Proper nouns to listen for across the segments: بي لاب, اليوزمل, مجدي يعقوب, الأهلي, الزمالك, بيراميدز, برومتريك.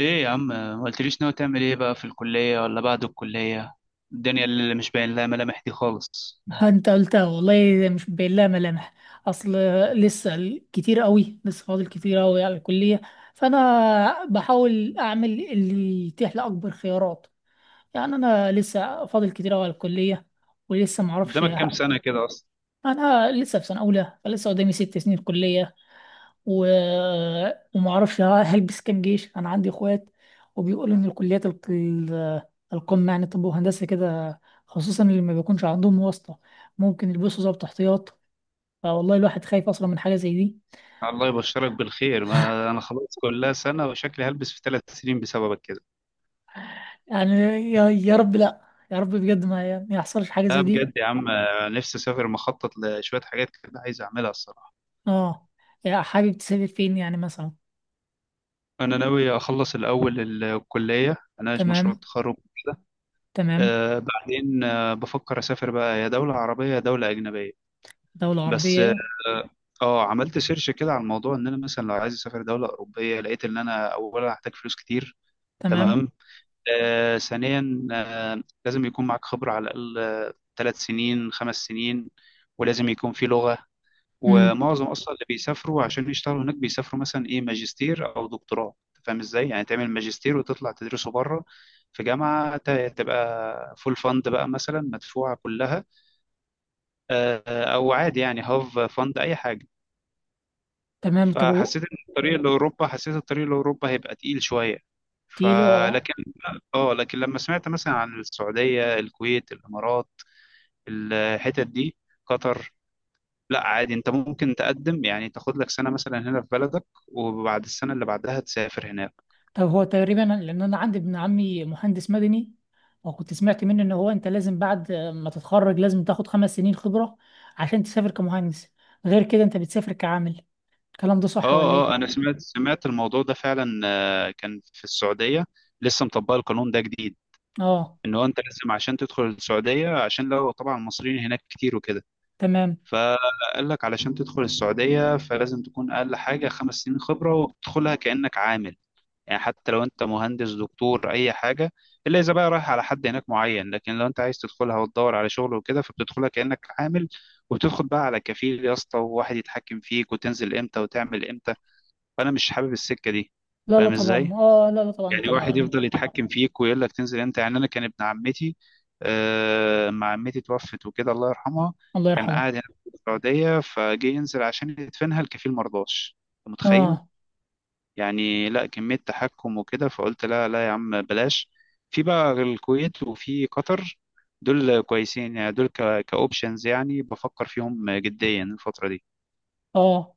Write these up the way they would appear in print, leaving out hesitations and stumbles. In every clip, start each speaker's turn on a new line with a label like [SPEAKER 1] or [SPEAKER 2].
[SPEAKER 1] ايه يا عم، ما قلتليش ناوي تعمل ايه بقى في الكلية ولا بعد الكلية؟ الدنيا اللي مش باين لها ملامح دي خالص.
[SPEAKER 2] انت قلتها والله مش باين لها ملامح. اصل، لسه فاضل كتير قوي على الكليه، فانا بحاول اعمل اللي يتيح لي اكبر خيارات. يعني انا لسه فاضل كتير قوي على الكليه ولسه ما اعرفش.
[SPEAKER 1] قدامك كام سنة كده اصلا؟
[SPEAKER 2] انا لسه في سنه اولى فلسه قدامي ست سنين كليه و... وما اعرفش. هلبس كام جيش؟ انا عندي اخوات وبيقولوا ان الكليات القمه يعني، طب وهندسه كده، خصوصا اللي ما بيكونش عندهم واسطه ممكن يلبسوا ضابط احتياط. فوالله الواحد خايف اصلا من حاجه زي دي،
[SPEAKER 1] الله يبشرك بالخير، ما انا خلاص كلها سنة وشكلي هلبس في ثلاث سنين بسببك كده.
[SPEAKER 2] يعني يا رب لا، يا رب بجد ما يحصلش حاجه
[SPEAKER 1] لا
[SPEAKER 2] زي دي.
[SPEAKER 1] بجد يا عم، نفسي اسافر، مخطط لشوية حاجات كده عايز اعملها الصراحة.
[SPEAKER 2] اه. يا حابب تسافر فين يعني مثلا؟
[SPEAKER 1] انا ناوي اخلص الاول الكلية، اناقش مشروع
[SPEAKER 2] تمام،
[SPEAKER 1] التخرج.
[SPEAKER 2] تمام.
[SPEAKER 1] بعدين بفكر اسافر بقى، يا دولة عربية يا دولة اجنبية.
[SPEAKER 2] دوله
[SPEAKER 1] بس
[SPEAKER 2] عربيه.
[SPEAKER 1] عملت سيرش كده على الموضوع، ان انا مثلا لو عايز اسافر دوله اوروبيه، لقيت ان انا اولا هحتاج فلوس كتير.
[SPEAKER 2] تمام.
[SPEAKER 1] تمام. ثانيا، لازم يكون معاك خبره، على الاقل ثلاث سنين خمس سنين. ولازم يكون في لغه.
[SPEAKER 2] امم.
[SPEAKER 1] ومعظم اصلا اللي بيسافروا عشان يشتغلوا هناك، بيسافروا مثلا ايه، ماجستير او دكتوراه. أنت فاهم ازاي؟ يعني تعمل ماجستير وتطلع تدرسه بره في تبقى فول فند بقى مثلا، مدفوعة كلها. أو عادي يعني، هاف فند أي حاجة.
[SPEAKER 2] تمام، طب
[SPEAKER 1] فحسيت ان الطريق لاوروبا هيبقى تقيل شويه.
[SPEAKER 2] تيلو.
[SPEAKER 1] فلكن اه لكن لما سمعت مثلا عن السعوديه، الكويت، الامارات، الحتت دي، قطر، لا عادي انت ممكن تقدم، يعني تاخد لك سنه مثلا هنا في بلدك، وبعد السنه اللي بعدها تسافر هناك.
[SPEAKER 2] طب هو تقريبا، لان انا عندي ابن عمي مهندس مدني، وكنت سمعت منه ان هو انت لازم بعد ما تتخرج لازم تاخد خمس سنين خبرة عشان تسافر كمهندس، غير كده انت بتسافر كعامل. الكلام ده
[SPEAKER 1] اه
[SPEAKER 2] صح ولا
[SPEAKER 1] اه،
[SPEAKER 2] ايه؟
[SPEAKER 1] انا سمعت الموضوع ده فعلا. كان في السعوديه لسه مطبق القانون ده جديد،
[SPEAKER 2] اه،
[SPEAKER 1] ان هو انت لازم عشان تدخل السعوديه، عشان لو طبعا المصريين هناك كتير وكده،
[SPEAKER 2] تمام.
[SPEAKER 1] فقال لك علشان تدخل السعودية فلازم تكون أقل حاجة خمس سنين خبرة، وبتدخلها كأنك عامل. يعني حتى لو أنت مهندس دكتور أي حاجة، إلا إذا بقى رايح على حد هناك معين، لكن لو أنت عايز تدخلها وتدور على شغل وكده فبتدخلها كأنك عامل. وبتدخل بقى على كفيل يا اسطى، وواحد يتحكم فيك وتنزل إمتى وتعمل إمتى. فأنا مش حابب السكة دي.
[SPEAKER 2] لا لا
[SPEAKER 1] فاهم إزاي؟
[SPEAKER 2] طبعا، اه لا لا طبعا
[SPEAKER 1] يعني واحد
[SPEAKER 2] طبعا.
[SPEAKER 1] يفضل يتحكم فيك ويقول لك تنزل امتى. يعني انا كان ابن عمتي، ما عمتي توفت وكده الله يرحمها،
[SPEAKER 2] الله
[SPEAKER 1] كان
[SPEAKER 2] يرحمه.
[SPEAKER 1] قاعد هنا في السعوديه، فجه ينزل عشان يدفنها، الكفيل مرضاش. أنت متخيل؟
[SPEAKER 2] اه
[SPEAKER 1] يعني لا، كميه تحكم وكده. فقلت لا لا يا عم، بلاش. في بقى الكويت، وفي قطر، دول كويسين يعني، دول كاوبشنز، يعني بفكر فيهم جديا الفتره
[SPEAKER 2] اه.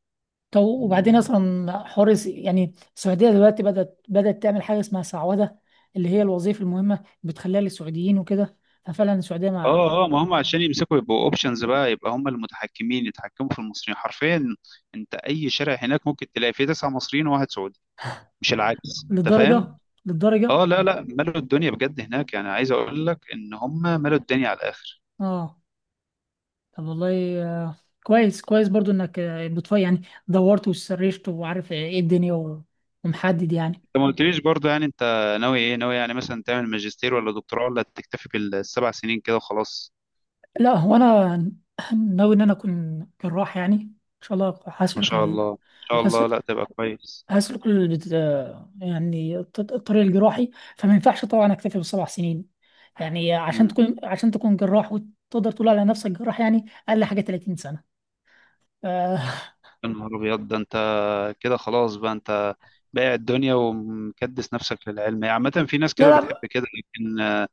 [SPEAKER 2] طب
[SPEAKER 1] دي.
[SPEAKER 2] وبعدين اصلا حوار يعني السعوديه دلوقتي بدات، بدات تعمل حاجه اسمها سعوده، اللي هي الوظيفه المهمه بتخليها للسعوديين وكده. ففعلا السعوديه مع.
[SPEAKER 1] اه اه، ما هم عشان يمسكوا يبقوا اوبشنز بقى، يبقى هم المتحكمين، يتحكموا في المصريين حرفيا. انت اي شارع هناك ممكن تلاقي فيه تسعة مصريين وواحد سعودي، مش العكس. انت
[SPEAKER 2] للدرجه،
[SPEAKER 1] فاهم؟
[SPEAKER 2] للدرجه.
[SPEAKER 1] اه لا لا، ملوا الدنيا بجد هناك، يعني عايز اقول لك ان هم ملوا الدنيا على الاخر.
[SPEAKER 2] اه. طب والله كويس كويس برضو انك بتفاي يعني، دورت وسرشت وعارف ايه الدنيا ومحدد يعني.
[SPEAKER 1] انت ما قلتليش برضه، يعني انت ناوي يعني مثلا تعمل ماجستير ولا دكتوراه، ولا تكتفي بالسبع سنين كده وخلاص؟
[SPEAKER 2] لا هو انا ناوي ان انا اكون جراح، يعني ان شاء الله
[SPEAKER 1] ما
[SPEAKER 2] هسلك
[SPEAKER 1] شاء الله ما شاء
[SPEAKER 2] هس-
[SPEAKER 1] الله لا تبقى كويس.
[SPEAKER 2] هسلك ال... بت- آه، يعني الطريق الجراحي. فما ينفعش طبعا اكتفي بالسبع سنين، يعني عشان تكون، عشان تكون جراح وتقدر تقول على نفسك جراح يعني اقل حاجه 30 سنه. ف-
[SPEAKER 1] يا نهار ابيض، ده انت كده خلاص بقى انت بايع الدنيا ومكدس نفسك للعلم. هي عامة في ناس كده
[SPEAKER 2] لا
[SPEAKER 1] بتحب
[SPEAKER 2] لا
[SPEAKER 1] كده، لكن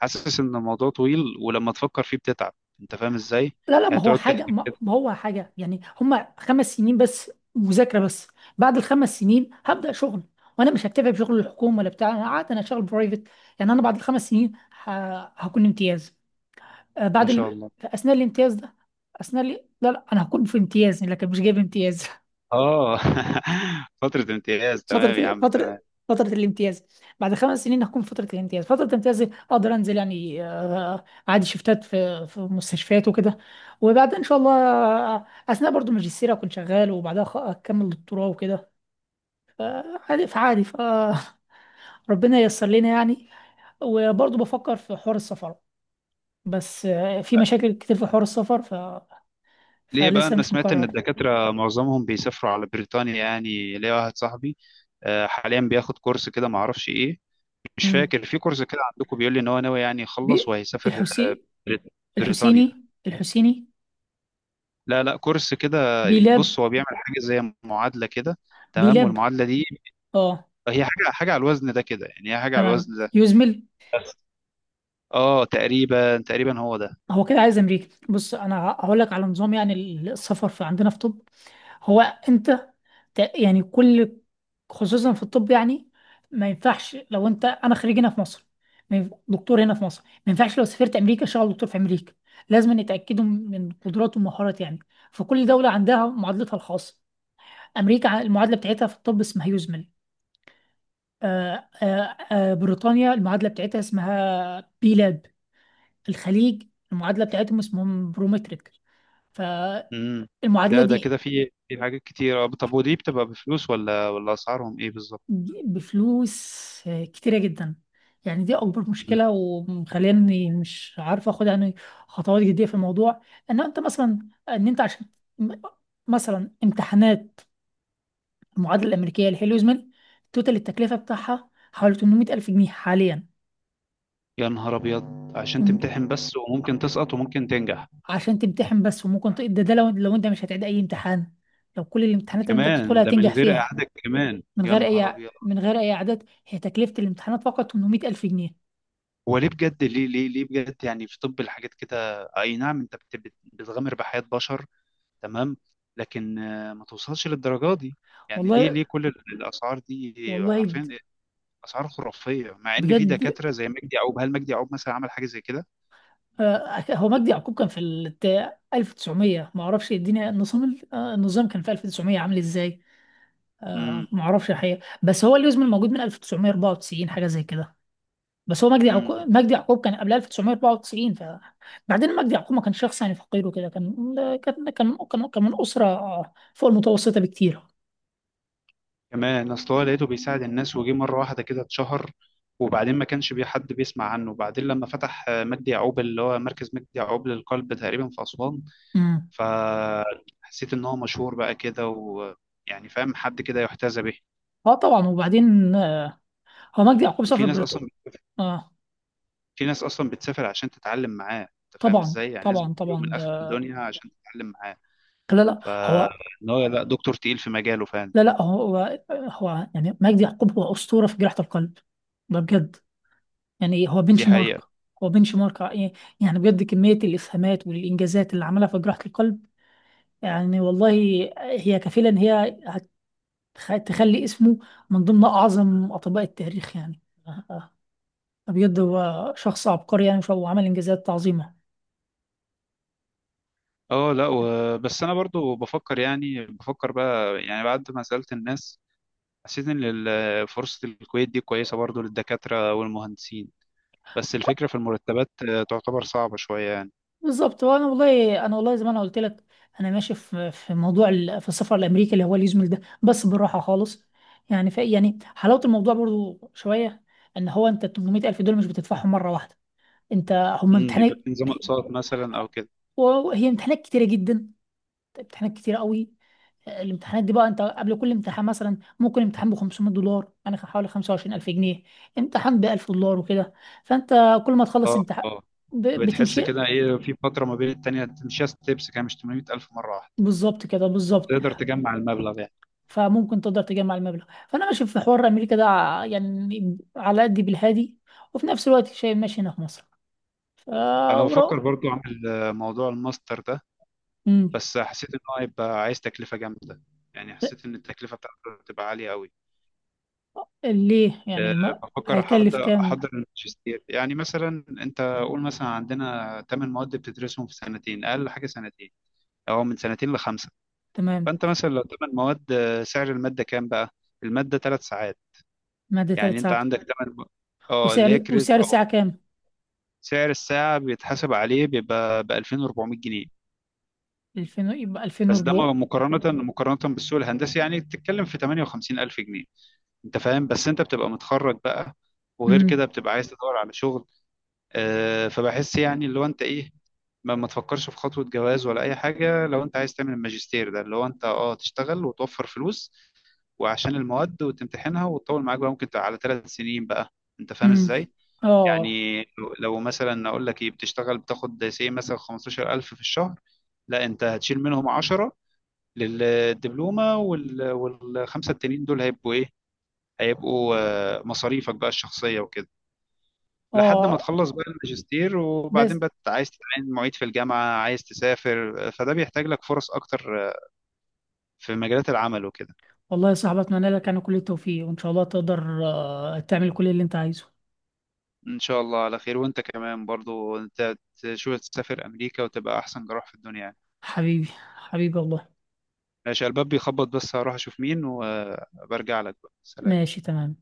[SPEAKER 1] حاسس ان الموضوع طويل، ولما تفكر فيه بتتعب. انت فاهم ازاي؟
[SPEAKER 2] لا لا،
[SPEAKER 1] يعني تقعد تحكي كده.
[SPEAKER 2] ما هو حاجة يعني، هما خمس سنين بس مذاكرة بس. بعد الخمس سنين هبدأ شغل، وأنا مش هكتفي بشغل الحكومة ولا بتاع. أنا قعدت أنا شغل برايفت، يعني أنا بعد الخمس سنين ه... هكون امتياز.
[SPEAKER 1] ما
[SPEAKER 2] بعد
[SPEAKER 1] شاء الله.
[SPEAKER 2] في أثناء الامتياز ده. أثناء لا لا، أنا هكون في امتياز لكن مش جايب امتياز.
[SPEAKER 1] اه فترة امتياز، تمام
[SPEAKER 2] فترة
[SPEAKER 1] يا عم تمام.
[SPEAKER 2] فترة الامتياز. بعد خمس سنين هكون في فترة الامتياز، فترة الامتياز أقدر أنزل يعني عادي شفتات في مستشفيات وكده. وبعد إن شاء الله أثناء برضو ماجستير أكون شغال وبعدها أكمل دكتوراه وكده. عادي، فعادي، فربنا ييسر لنا يعني. وبرضو بفكر في حوار السفر، بس في مشاكل كتير في حوار السفر
[SPEAKER 1] ليه بقى؟
[SPEAKER 2] فلسه
[SPEAKER 1] انا
[SPEAKER 2] مش
[SPEAKER 1] سمعت ان
[SPEAKER 2] مقرر.
[SPEAKER 1] الدكاترة معظمهم بيسافروا على بريطانيا. يعني ليا واحد صاحبي حاليا بياخد كورس كده معرفش ايه، مش
[SPEAKER 2] امم.
[SPEAKER 1] فاكر في كورس كده عندكم، بيقول لي ان هو ناوي يعني يخلص
[SPEAKER 2] بي
[SPEAKER 1] وهيسافر.
[SPEAKER 2] الحسي...
[SPEAKER 1] بريط- بريطانيا.
[SPEAKER 2] الحسيني، الحسيني.
[SPEAKER 1] لا لا، كورس كده.
[SPEAKER 2] بيلاب.
[SPEAKER 1] بص هو بيعمل حاجة زي معادلة كده، تمام؟
[SPEAKER 2] بيلاب.
[SPEAKER 1] والمعادلة دي
[SPEAKER 2] اه
[SPEAKER 1] هي حاجة على الوزن ده كده، يعني هي حاجة على
[SPEAKER 2] تمام،
[SPEAKER 1] الوزن ده.
[SPEAKER 2] يزمل.
[SPEAKER 1] اه، تقريبا هو ده.
[SPEAKER 2] هو كده عايز امريكا. بص، انا هقول لك على نظام، يعني السفر في عندنا في طب. هو انت يعني كل، خصوصا في الطب يعني ما ينفعش لو انت، انا خريج هنا في مصر، ما ينف- دكتور هنا في مصر ما ينفعش لو سافرت امريكا اشتغل دكتور في امريكا، لازم يتاكدوا من قدراته ومهارات يعني. فكل دوله عندها معادلتها الخاصه. امريكا المعادله بتاعتها في الطب اسمها يزمل. بريطانيا المعادله بتاعتها اسمها بي لاب. الخليج المعادلة بتاعتهم اسمهم برومتريك.
[SPEAKER 1] امم.
[SPEAKER 2] فالمعادلة
[SPEAKER 1] ده كده
[SPEAKER 2] دي
[SPEAKER 1] في حاجات كتير. طب، ودي بتبقى بفلوس، ولا اسعارهم ايه بالظبط؟
[SPEAKER 2] بفلوس كتيرة جدا، يعني دي أكبر
[SPEAKER 1] مم.
[SPEAKER 2] مشكلة ومخليني مش عارف أخد يعني خطوات جدية في الموضوع. إن أنت مثلا، إن أنت عشان م- مثلا امتحانات المعادلة الأمريكية الهيلوزمل، توتال التكلفة بتاعها حوالي 800 ألف جنيه حاليا.
[SPEAKER 1] يا نهار ابيض، عشان
[SPEAKER 2] تم-
[SPEAKER 1] تمتحن بس وممكن تسقط وممكن تنجح؟
[SPEAKER 2] عشان تمتحن بس، وممكن ده لو أنت مش هتعيد أي امتحان، لو كل الامتحانات اللي أنت
[SPEAKER 1] كمان
[SPEAKER 2] بتدخلها
[SPEAKER 1] ده من
[SPEAKER 2] هتنجح
[SPEAKER 1] غير
[SPEAKER 2] فيها.
[SPEAKER 1] اعادة؟ كمان يا نهار ابيض.
[SPEAKER 2] من غير اي اعداد، هي تكلفه الامتحانات فقط 800 الف جنيه.
[SPEAKER 1] هو ليه بجد؟ ليه بجد؟ يعني في طب، الحاجات كده اي نعم، انت بتغامر بحياة بشر، تمام، لكن ما توصلش للدرجة دي. يعني ليه؟
[SPEAKER 2] والله،
[SPEAKER 1] كل الاسعار دي؟
[SPEAKER 2] والله د-
[SPEAKER 1] عارفين، اسعار خرافيه، مع ان في
[SPEAKER 2] بجد.
[SPEAKER 1] دكاتره زي مجدي يعقوب. هل مجدي يعقوب مثلا عمل حاجه زي كده؟
[SPEAKER 2] هو مجدي يعقوب كان في ال 1900، ما اعرفش الدنيا، النظام النظام كان في 1900 عامل ازاي.
[SPEAKER 1] امم
[SPEAKER 2] ما اعرفش الحقيقه، بس هو اليوزمل موجود من 1994 حاجه زي كده. بس هو
[SPEAKER 1] امم
[SPEAKER 2] مجدي يعقوب كان قبل 1994. ف بعدين مجدي يعقوب ما كانش شخص يعني فقير وكده، كان من اسره فوق المتوسطه بكتير.
[SPEAKER 1] كمان اصل هو لقيته بيساعد الناس، وجي مره واحده كده اتشهر، وبعدين ما كانش بي حد بيسمع عنه. وبعدين لما فتح مجدي يعقوب، اللي هو مركز مجدي يعقوب للقلب تقريبا في اسوان،
[SPEAKER 2] امم.
[SPEAKER 1] فحسيت ان هو مشهور بقى كده، ويعني فاهم، حد كده يحتذى به.
[SPEAKER 2] اه طبعا، وبعدين هو مجدي يعقوب
[SPEAKER 1] وفي
[SPEAKER 2] سافر
[SPEAKER 1] ناس
[SPEAKER 2] بريطانيا.
[SPEAKER 1] اصلا
[SPEAKER 2] اه
[SPEAKER 1] في ناس اصلا بتسافر عشان تتعلم معاه. انت فاهم
[SPEAKER 2] طبعا
[SPEAKER 1] ازاي؟ يعني ناس
[SPEAKER 2] طبعا
[SPEAKER 1] بتجيله من
[SPEAKER 2] طبعا
[SPEAKER 1] اخر
[SPEAKER 2] ده.
[SPEAKER 1] الدنيا عشان تتعلم معاه.
[SPEAKER 2] لا لا هو،
[SPEAKER 1] فان هو لا، دكتور تقيل في مجاله فعلا.
[SPEAKER 2] لا لا هو يعني مجدي يعقوب هو أسطورة في جراحة القلب، ده بجد. يعني إيه؟ هو
[SPEAKER 1] دي
[SPEAKER 2] بنش مارك.
[SPEAKER 1] حقيقة.
[SPEAKER 2] هو بنش مارك ع- يعني بجد كمية الإسهامات والإنجازات اللي عملها في جراحة القلب، يعني والله هي كفيلة إن تخلي اسمه من ضمن أعظم أطباء التاريخ يعني. آه، آه. بجد هو شخص عبقري يعني، وعمل إنجازات عظيمة.
[SPEAKER 1] اه، لا بس انا برضو بفكر، يعني بفكر بقى يعني بعد ما سألت الناس، حسيت ان فرصة الكويت دي كويسة برضو للدكاترة والمهندسين، بس الفكرة في المرتبات، تعتبر صعبة شوية يعني.
[SPEAKER 2] بالظبط، وانا والله انا والله زي ما انا قلت لك، انا ماشي في موضوع في السفر لامريكا اللي هو اليوزمل ده، بس بالراحه خالص، يعني في يعني حلاوه الموضوع برضو شويه، ان هو انت 800 الف دول مش بتدفعهم مره واحده. انت هم
[SPEAKER 1] بيبقى
[SPEAKER 2] امتحانات،
[SPEAKER 1] في نظام اقساط مثلا او كده.
[SPEAKER 2] وهي امتحانات كتيره جدا، امتحانات كتيره قوي. الامتحانات دي بقى، انت قبل كل امتحان مثلا ممكن امتحان ب $500 يعني حوالي 25,000 جنيه، امتحان ب $1,000 وكده. فانت كل ما تخلص
[SPEAKER 1] اه
[SPEAKER 2] امتحان
[SPEAKER 1] اه، بتحس
[SPEAKER 2] بتمشي.
[SPEAKER 1] كده ايه، في فترة ما بين التانية تمشيها ستيبس كده، مش 800 ألف مرة واحدة،
[SPEAKER 2] بالظبط كده، بالظبط.
[SPEAKER 1] تقدر تجمع المبلغ يعني.
[SPEAKER 2] فممكن تقدر تجمع المبلغ. فانا ماشي في حوار امريكا ده يعني على قد بالهادي، وفي نفس الوقت شايف ماشي هنا في مصر. ف
[SPEAKER 1] انا بفكر
[SPEAKER 2] ورا.
[SPEAKER 1] برضو اعمل موضوع الماستر ده،
[SPEAKER 2] امم.
[SPEAKER 1] بس حسيت ان هو هيبقى عايز تكلفه جامده. يعني حسيت ان التكلفه بتاعته هتبقى عاليه قوي.
[SPEAKER 2] ليه يعني
[SPEAKER 1] آه، بفكر
[SPEAKER 2] هيكلف
[SPEAKER 1] احضر
[SPEAKER 2] كام؟
[SPEAKER 1] احضر الماجستير، يعني مثلا انت قول مثلا عندنا 8 مواد بتدرسهم في سنتين، اقل حاجه سنتين او من سنتين لخمسه.
[SPEAKER 2] تمام.
[SPEAKER 1] فانت مثلا لو 8 مواد، سعر الماده كام بقى؟ الماده 3 ساعات،
[SPEAKER 2] مادة
[SPEAKER 1] يعني
[SPEAKER 2] ثلاث
[SPEAKER 1] انت
[SPEAKER 2] ساعات.
[SPEAKER 1] عندك 8، اه اللي هي كريدت
[SPEAKER 2] وسعر
[SPEAKER 1] اور.
[SPEAKER 2] الساعة كام؟
[SPEAKER 1] سعر الساعه بيتحسب عليه بيبقى ب 2400 جنيه،
[SPEAKER 2] 2000 يبقى
[SPEAKER 1] بس ده
[SPEAKER 2] 2004.
[SPEAKER 1] مقارنة بالسوق الهندسي، يعني بتتكلم في 58 ألف جنيه. أنت فاهم؟ بس أنت بتبقى متخرج بقى، وغير
[SPEAKER 2] امم.
[SPEAKER 1] كده بتبقى عايز تدور على شغل. فبحس يعني، اللي هو أنت إيه، ما تفكرش في خطوة جواز ولا أي حاجة لو أنت عايز تعمل الماجستير ده، اللي هو أنت أه تشتغل وتوفر فلوس، وعشان المواد وتمتحنها وتطول معاك بقى، ممكن تبقى على ثلاث سنين بقى. أنت فاهم
[SPEAKER 2] امم.
[SPEAKER 1] إزاي؟
[SPEAKER 2] اه.
[SPEAKER 1] يعني لو مثلا أقول لك إيه، بتشتغل بتاخد سي مثلا 15000 في الشهر. لا أنت هتشيل منهم 10 للدبلومة والخمسة التانيين دول هيبقوا إيه؟ هيبقوا مصاريفك بقى الشخصية وكده، لحد ما
[SPEAKER 2] اه
[SPEAKER 1] تخلص بقى الماجستير. وبعدين
[SPEAKER 2] بس.
[SPEAKER 1] بقى عايز تتعين معيد في الجامعة، عايز تسافر، فده بيحتاج لك فرص أكتر، في مجالات العمل وكده.
[SPEAKER 2] والله يا صاحبي، اتمنى لك انا كل التوفيق وان شاء الله تقدر تعمل كل اللي انت عايزه.
[SPEAKER 1] إن شاء الله على خير. وأنت كمان برضو، أنت تشوف تسافر أمريكا وتبقى أحسن جراح في الدنيا يعني.
[SPEAKER 2] حبيبي، حبيبي والله.
[SPEAKER 1] ماشي، الباب بيخبط بس، هروح أشوف مين وبرجع لك بقى. سلام.
[SPEAKER 2] ماشي تمام.